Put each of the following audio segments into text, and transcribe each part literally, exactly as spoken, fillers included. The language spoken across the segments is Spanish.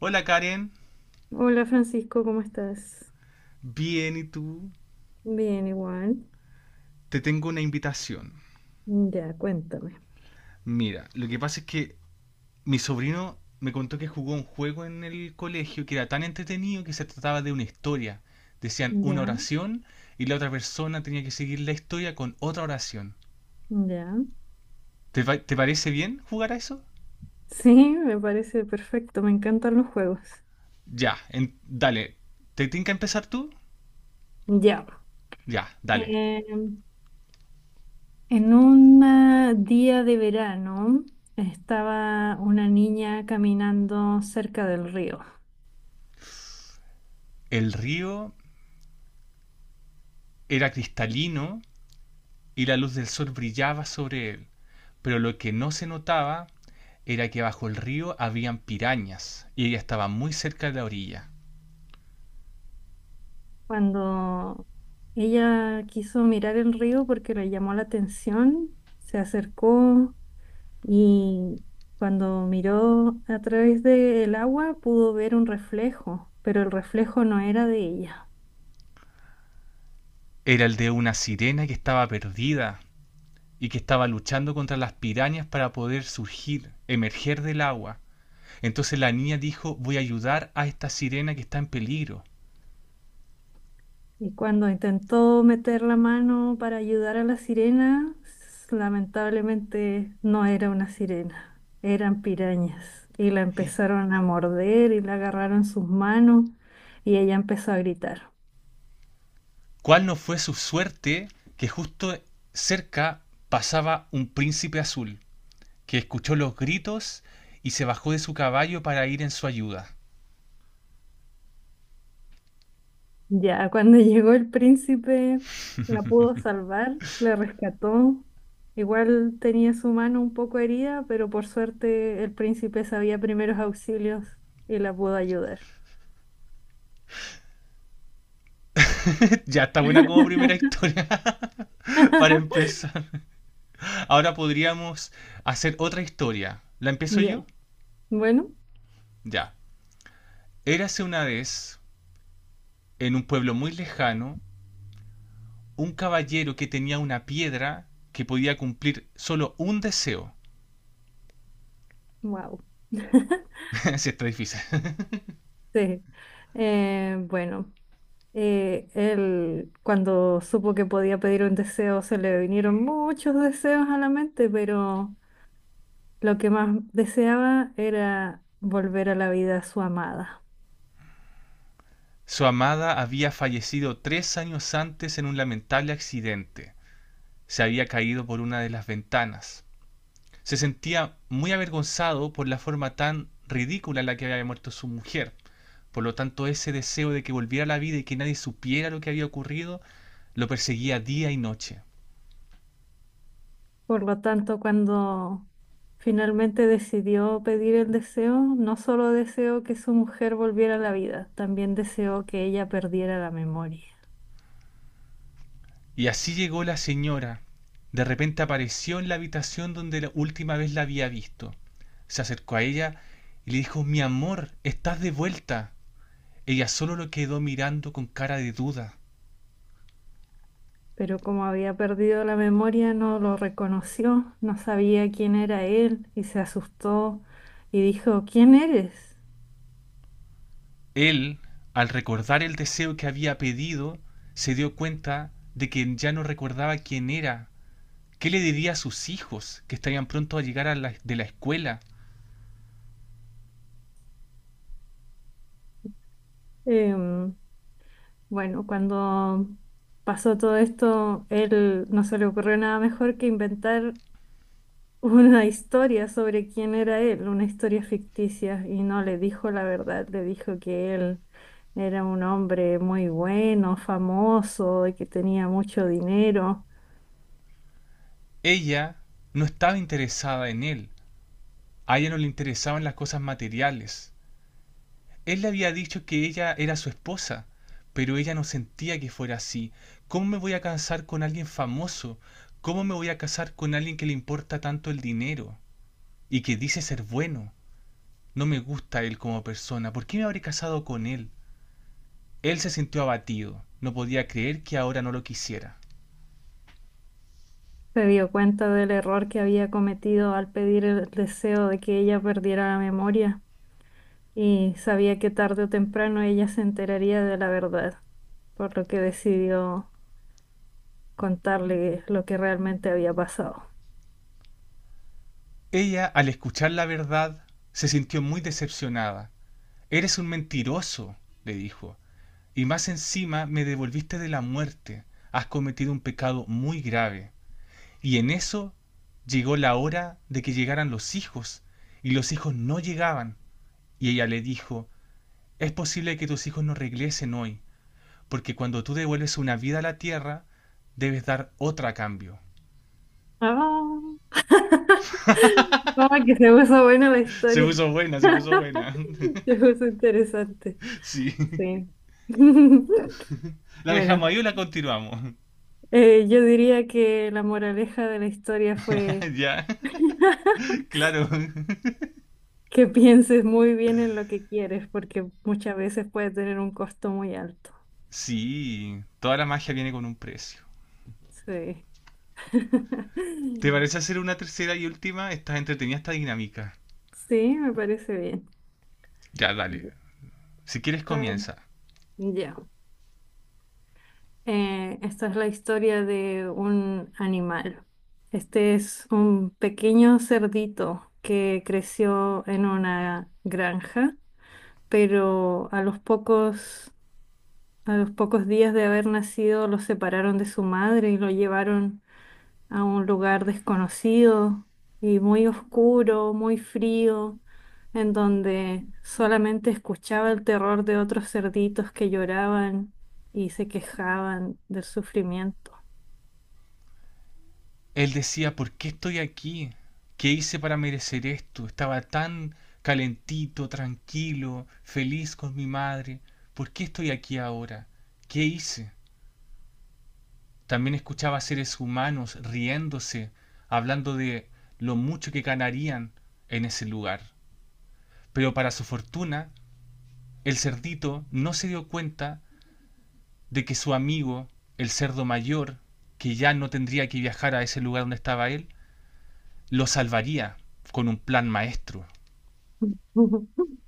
Hola Karen, Hola Francisco, ¿cómo estás? bien y tú, Bien, igual. te tengo una invitación. Ya, cuéntame. Mira, lo que pasa es que mi sobrino me contó que jugó un juego en el colegio que era tan entretenido que se trataba de una historia. Decían una Ya, oración y la otra persona tenía que seguir la historia con otra oración. ya. ¿Te, pa- te parece bien jugar a eso? Sí, me parece perfecto, me encantan los juegos. Ya, en- dale. ¿Te que empezar tú? Ya. Ya, dale. Eh, en un día de verano estaba una niña caminando cerca del río. El río era cristalino y la luz del sol brillaba sobre él, pero lo que no se notaba era que bajo el río habían pirañas y ella estaba muy cerca de la orilla. Cuando ella quiso mirar el río porque le llamó la atención, se acercó y cuando miró a través del agua pudo ver un reflejo, pero el reflejo no era de ella. Era el de una sirena que estaba perdida y que estaba luchando contra las pirañas para poder surgir, emerger del agua. Entonces la niña dijo, voy a ayudar a esta sirena que está en peligro. Y cuando intentó meter la mano para ayudar a la sirena, s- lamentablemente no era una sirena, eran pirañas. Y la empezaron a morder y la agarraron sus manos y ella empezó a gritar. ¿Cuál no fue su suerte que justo cerca pasaba un príncipe azul, que escuchó los gritos y se bajó de su caballo para ir en su ayuda? Ya, cuando llegó el príncipe, la pudo salvar, la rescató. Igual tenía su mano un poco herida, pero por suerte el príncipe sabía primeros auxilios y la pudo ayudar. Ya, está buena como primera historia, para empezar. Ahora podríamos hacer otra historia. ¿La empiezo Ya, yo? bueno, Ya. Érase una vez, en un pueblo muy lejano, un caballero que tenía una piedra que podía cumplir solo un deseo. wow. Sí, está difícil. Sí. Eh, bueno, eh, él cuando supo que podía pedir un deseo, se le vinieron muchos deseos a la mente, pero lo que más deseaba era volver a la vida a su amada. Su amada había fallecido tres años antes en un lamentable accidente. Se había caído por una de las ventanas. Se sentía muy avergonzado por la forma tan ridícula en la que había muerto su mujer. Por lo tanto, ese deseo de que volviera a la vida y que nadie supiera lo que había ocurrido, lo perseguía día y noche. Por lo tanto, cuando finalmente decidió pedir el deseo, no solo deseó que su mujer volviera a la vida, también deseó que ella perdiera la memoria. Y así llegó la señora. De repente apareció en la habitación donde la última vez la había visto. Se acercó a ella y le dijo, mi amor, estás de vuelta. Ella solo lo quedó mirando con cara de duda. Pero como había perdido la memoria, no lo reconoció, no sabía quién era él y se asustó y dijo, ¿quién eres? Él, al recordar el deseo que había pedido, se dio cuenta de que ya no recordaba quién era, qué le diría a sus hijos que estarían pronto a llegar a la- de la escuela. Em, bueno, cuando pasó todo esto, él no se le ocurrió nada mejor que inventar una historia sobre quién era él, una historia ficticia, y no le dijo la verdad, le dijo que él era un hombre muy bueno, famoso y que tenía mucho dinero. Ella no estaba interesada en él, a ella no le interesaban las cosas materiales. Él le había dicho que ella era su esposa, pero ella no sentía que fuera así. ¿Cómo me voy a casar con alguien famoso? ¿Cómo me voy a casar con alguien que le importa tanto el dinero y que dice ser bueno? No me gusta él como persona. ¿Por qué me habré casado con él? Él se sintió abatido. No podía creer que ahora no lo quisiera. Se dio cuenta del error que había cometido al pedir el deseo de que ella perdiera la memoria y sabía que tarde o temprano ella se enteraría de la verdad, por lo que decidió contarle lo que realmente había pasado. Ella, al escuchar la verdad, se sintió muy decepcionada. Eres un mentiroso, le dijo. Y más encima me devolviste de la muerte. Has cometido un pecado muy grave. Y en eso llegó la hora de que llegaran los hijos. Y los hijos no llegaban. Y ella le dijo, es posible que tus hijos no regresen hoy. Porque cuando tú devuelves una vida a la tierra, debes dar otra a cambio. Ah, como que se puso buena la Se historia. puso buena, se puso buena. Es interesante, Sí. sí. ¿La dejamos Bueno, ahí o la continuamos? eh, yo diría que la moraleja de la historia fue Ya, claro. que pienses muy bien en lo que quieres, porque muchas veces puede tener un costo muy alto. Sí, toda la magia viene con un precio. Sí. ¿Te parece hacer una tercera y última? Estás entretenida esta dinámica. Sí, me parece bien. Ya, dale. Ya, Si quieres está bien. comienza. Ya. Eh, esta es la historia de un animal. Este es un pequeño cerdito que creció en una granja, pero a los pocos, a los pocos días de haber nacido lo separaron de su madre y lo llevaron a un lugar desconocido y muy oscuro, muy frío, en donde solamente escuchaba el terror de otros cerditos que lloraban y se quejaban del sufrimiento. Él decía, ¿por qué estoy aquí? ¿Qué hice para merecer esto? Estaba tan calentito, tranquilo, feliz con mi madre. ¿Por qué estoy aquí ahora? ¿Qué hice? También escuchaba a seres humanos riéndose, hablando de lo mucho que ganarían en ese lugar. Pero para su fortuna, el cerdito no se dio cuenta de que su amigo, el cerdo mayor, que ya no tendría que viajar a ese lugar donde estaba él, los salvaría con un plan maestro.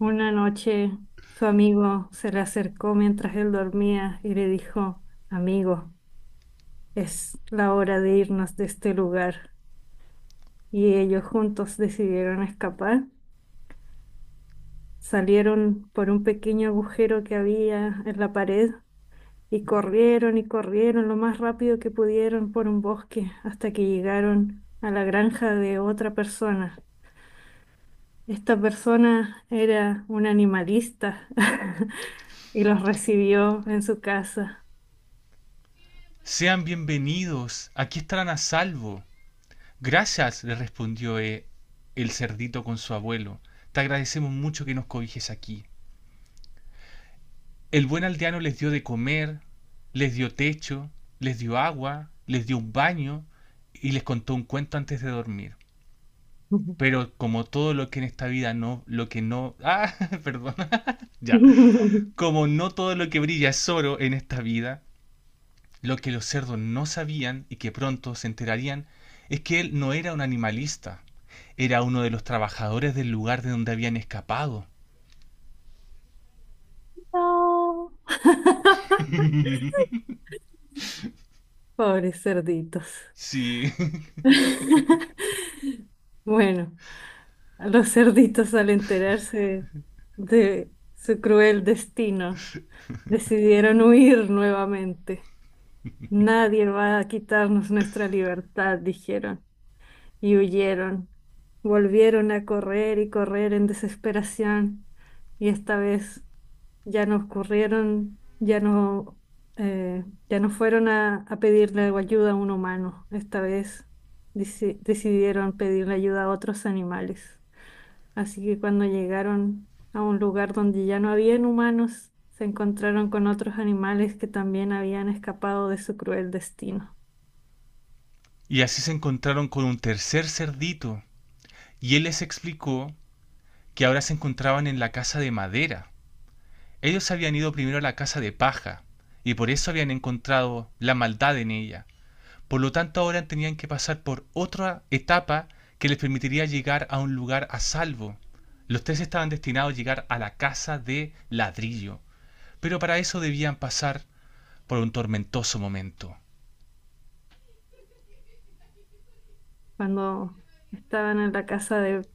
Una noche su amigo se le acercó mientras él dormía y le dijo, amigo, es la hora de irnos de este lugar. Y ellos juntos decidieron escapar. Salieron por un pequeño agujero que había en la pared y corrieron y corrieron lo más rápido que pudieron por un bosque hasta que llegaron a la granja de otra persona. Esta persona era un animalista y los recibió en su casa. Sean bienvenidos, aquí estarán a salvo. Gracias, le respondió eh, el cerdito con su abuelo. Te agradecemos mucho que nos cobijes aquí. El buen aldeano les dio de comer, les dio techo, les dio agua, les dio un baño y les contó un cuento antes de dormir. Pero como todo lo que en esta vida no, lo que no, ah, perdón, ya, como no todo lo que brilla es oro en esta vida, lo que los cerdos no sabían y que pronto se enterarían es que él no era un animalista, era uno de los trabajadores del lugar de donde habían escapado. Pobres cerditos. Sí. Bueno, a los cerditos al enterarse de su cruel destino, decidieron huir nuevamente. Nadie va a quitarnos nuestra libertad, dijeron, y huyeron. Volvieron a correr y correr en desesperación, y esta vez ya nos corrieron, ya no, eh, ya no fueron a, a pedirle ayuda a un humano. Esta vez deci- decidieron pedirle ayuda a otros animales. Así que cuando llegaron a un lugar donde ya no habían humanos, se encontraron con otros animales que también habían escapado de su cruel destino. Y así se encontraron con un tercer cerdito, y él les explicó que ahora se encontraban en la casa de madera. Ellos habían ido primero a la casa de paja, y por eso habían encontrado la maldad en ella. Por lo tanto, ahora tenían que pasar por otra etapa que les permitiría llegar a un lugar a salvo. Los tres estaban destinados a llegar a la casa de ladrillo, pero para eso debían pasar por un tormentoso momento. Cuando estaban en la casa de,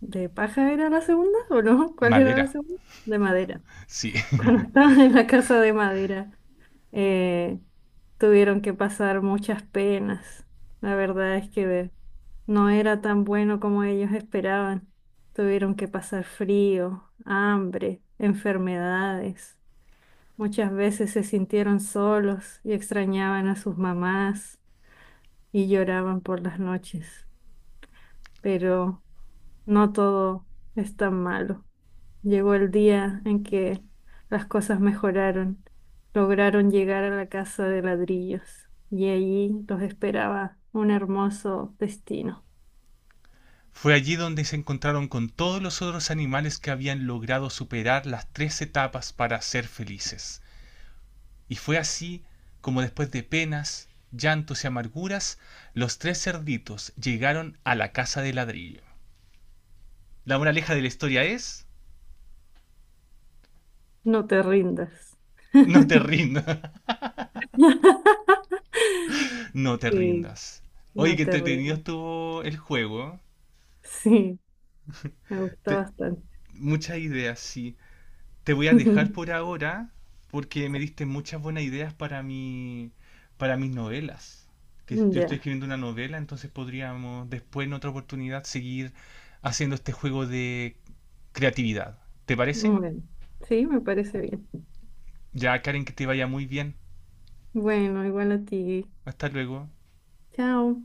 de paja, ¿era la segunda o no? ¿Cuál era la Madera. segunda? De madera. Sí. Cuando estaban en la casa de madera. eh, Tuvieron que pasar muchas penas. La verdad es que no era tan bueno como ellos esperaban. Tuvieron que pasar frío, hambre, enfermedades. Muchas veces se sintieron solos y extrañaban a sus mamás y lloraban por las noches. Pero no todo es tan malo. Llegó el día en que las cosas mejoraron. Lograron llegar a la casa de ladrillos y allí los esperaba un hermoso destino. Fue allí donde se encontraron con todos los otros animales que habían logrado superar las tres etapas para ser felices. Y fue así como después de penas, llantos y amarguras, los tres cerditos llegaron a la casa de ladrillo. La moraleja de la historia es, No te rindas. no te rindas, no te Sí, rindas. Oye, no qué te entretenido rindas. estuvo el juego. Sí, me gustó Te- bastante. Muchas ideas, sí. Te voy a dejar por ahora porque me diste muchas buenas ideas para mi, para mis novelas. Que yo estoy Ya, escribiendo una novela, entonces podríamos después en otra oportunidad seguir haciendo este juego de creatividad. ¿Te parece? bueno, sí, me parece bien. Ya, Karen, que te vaya muy bien. Bueno, igual a ti. Hasta luego. Chao.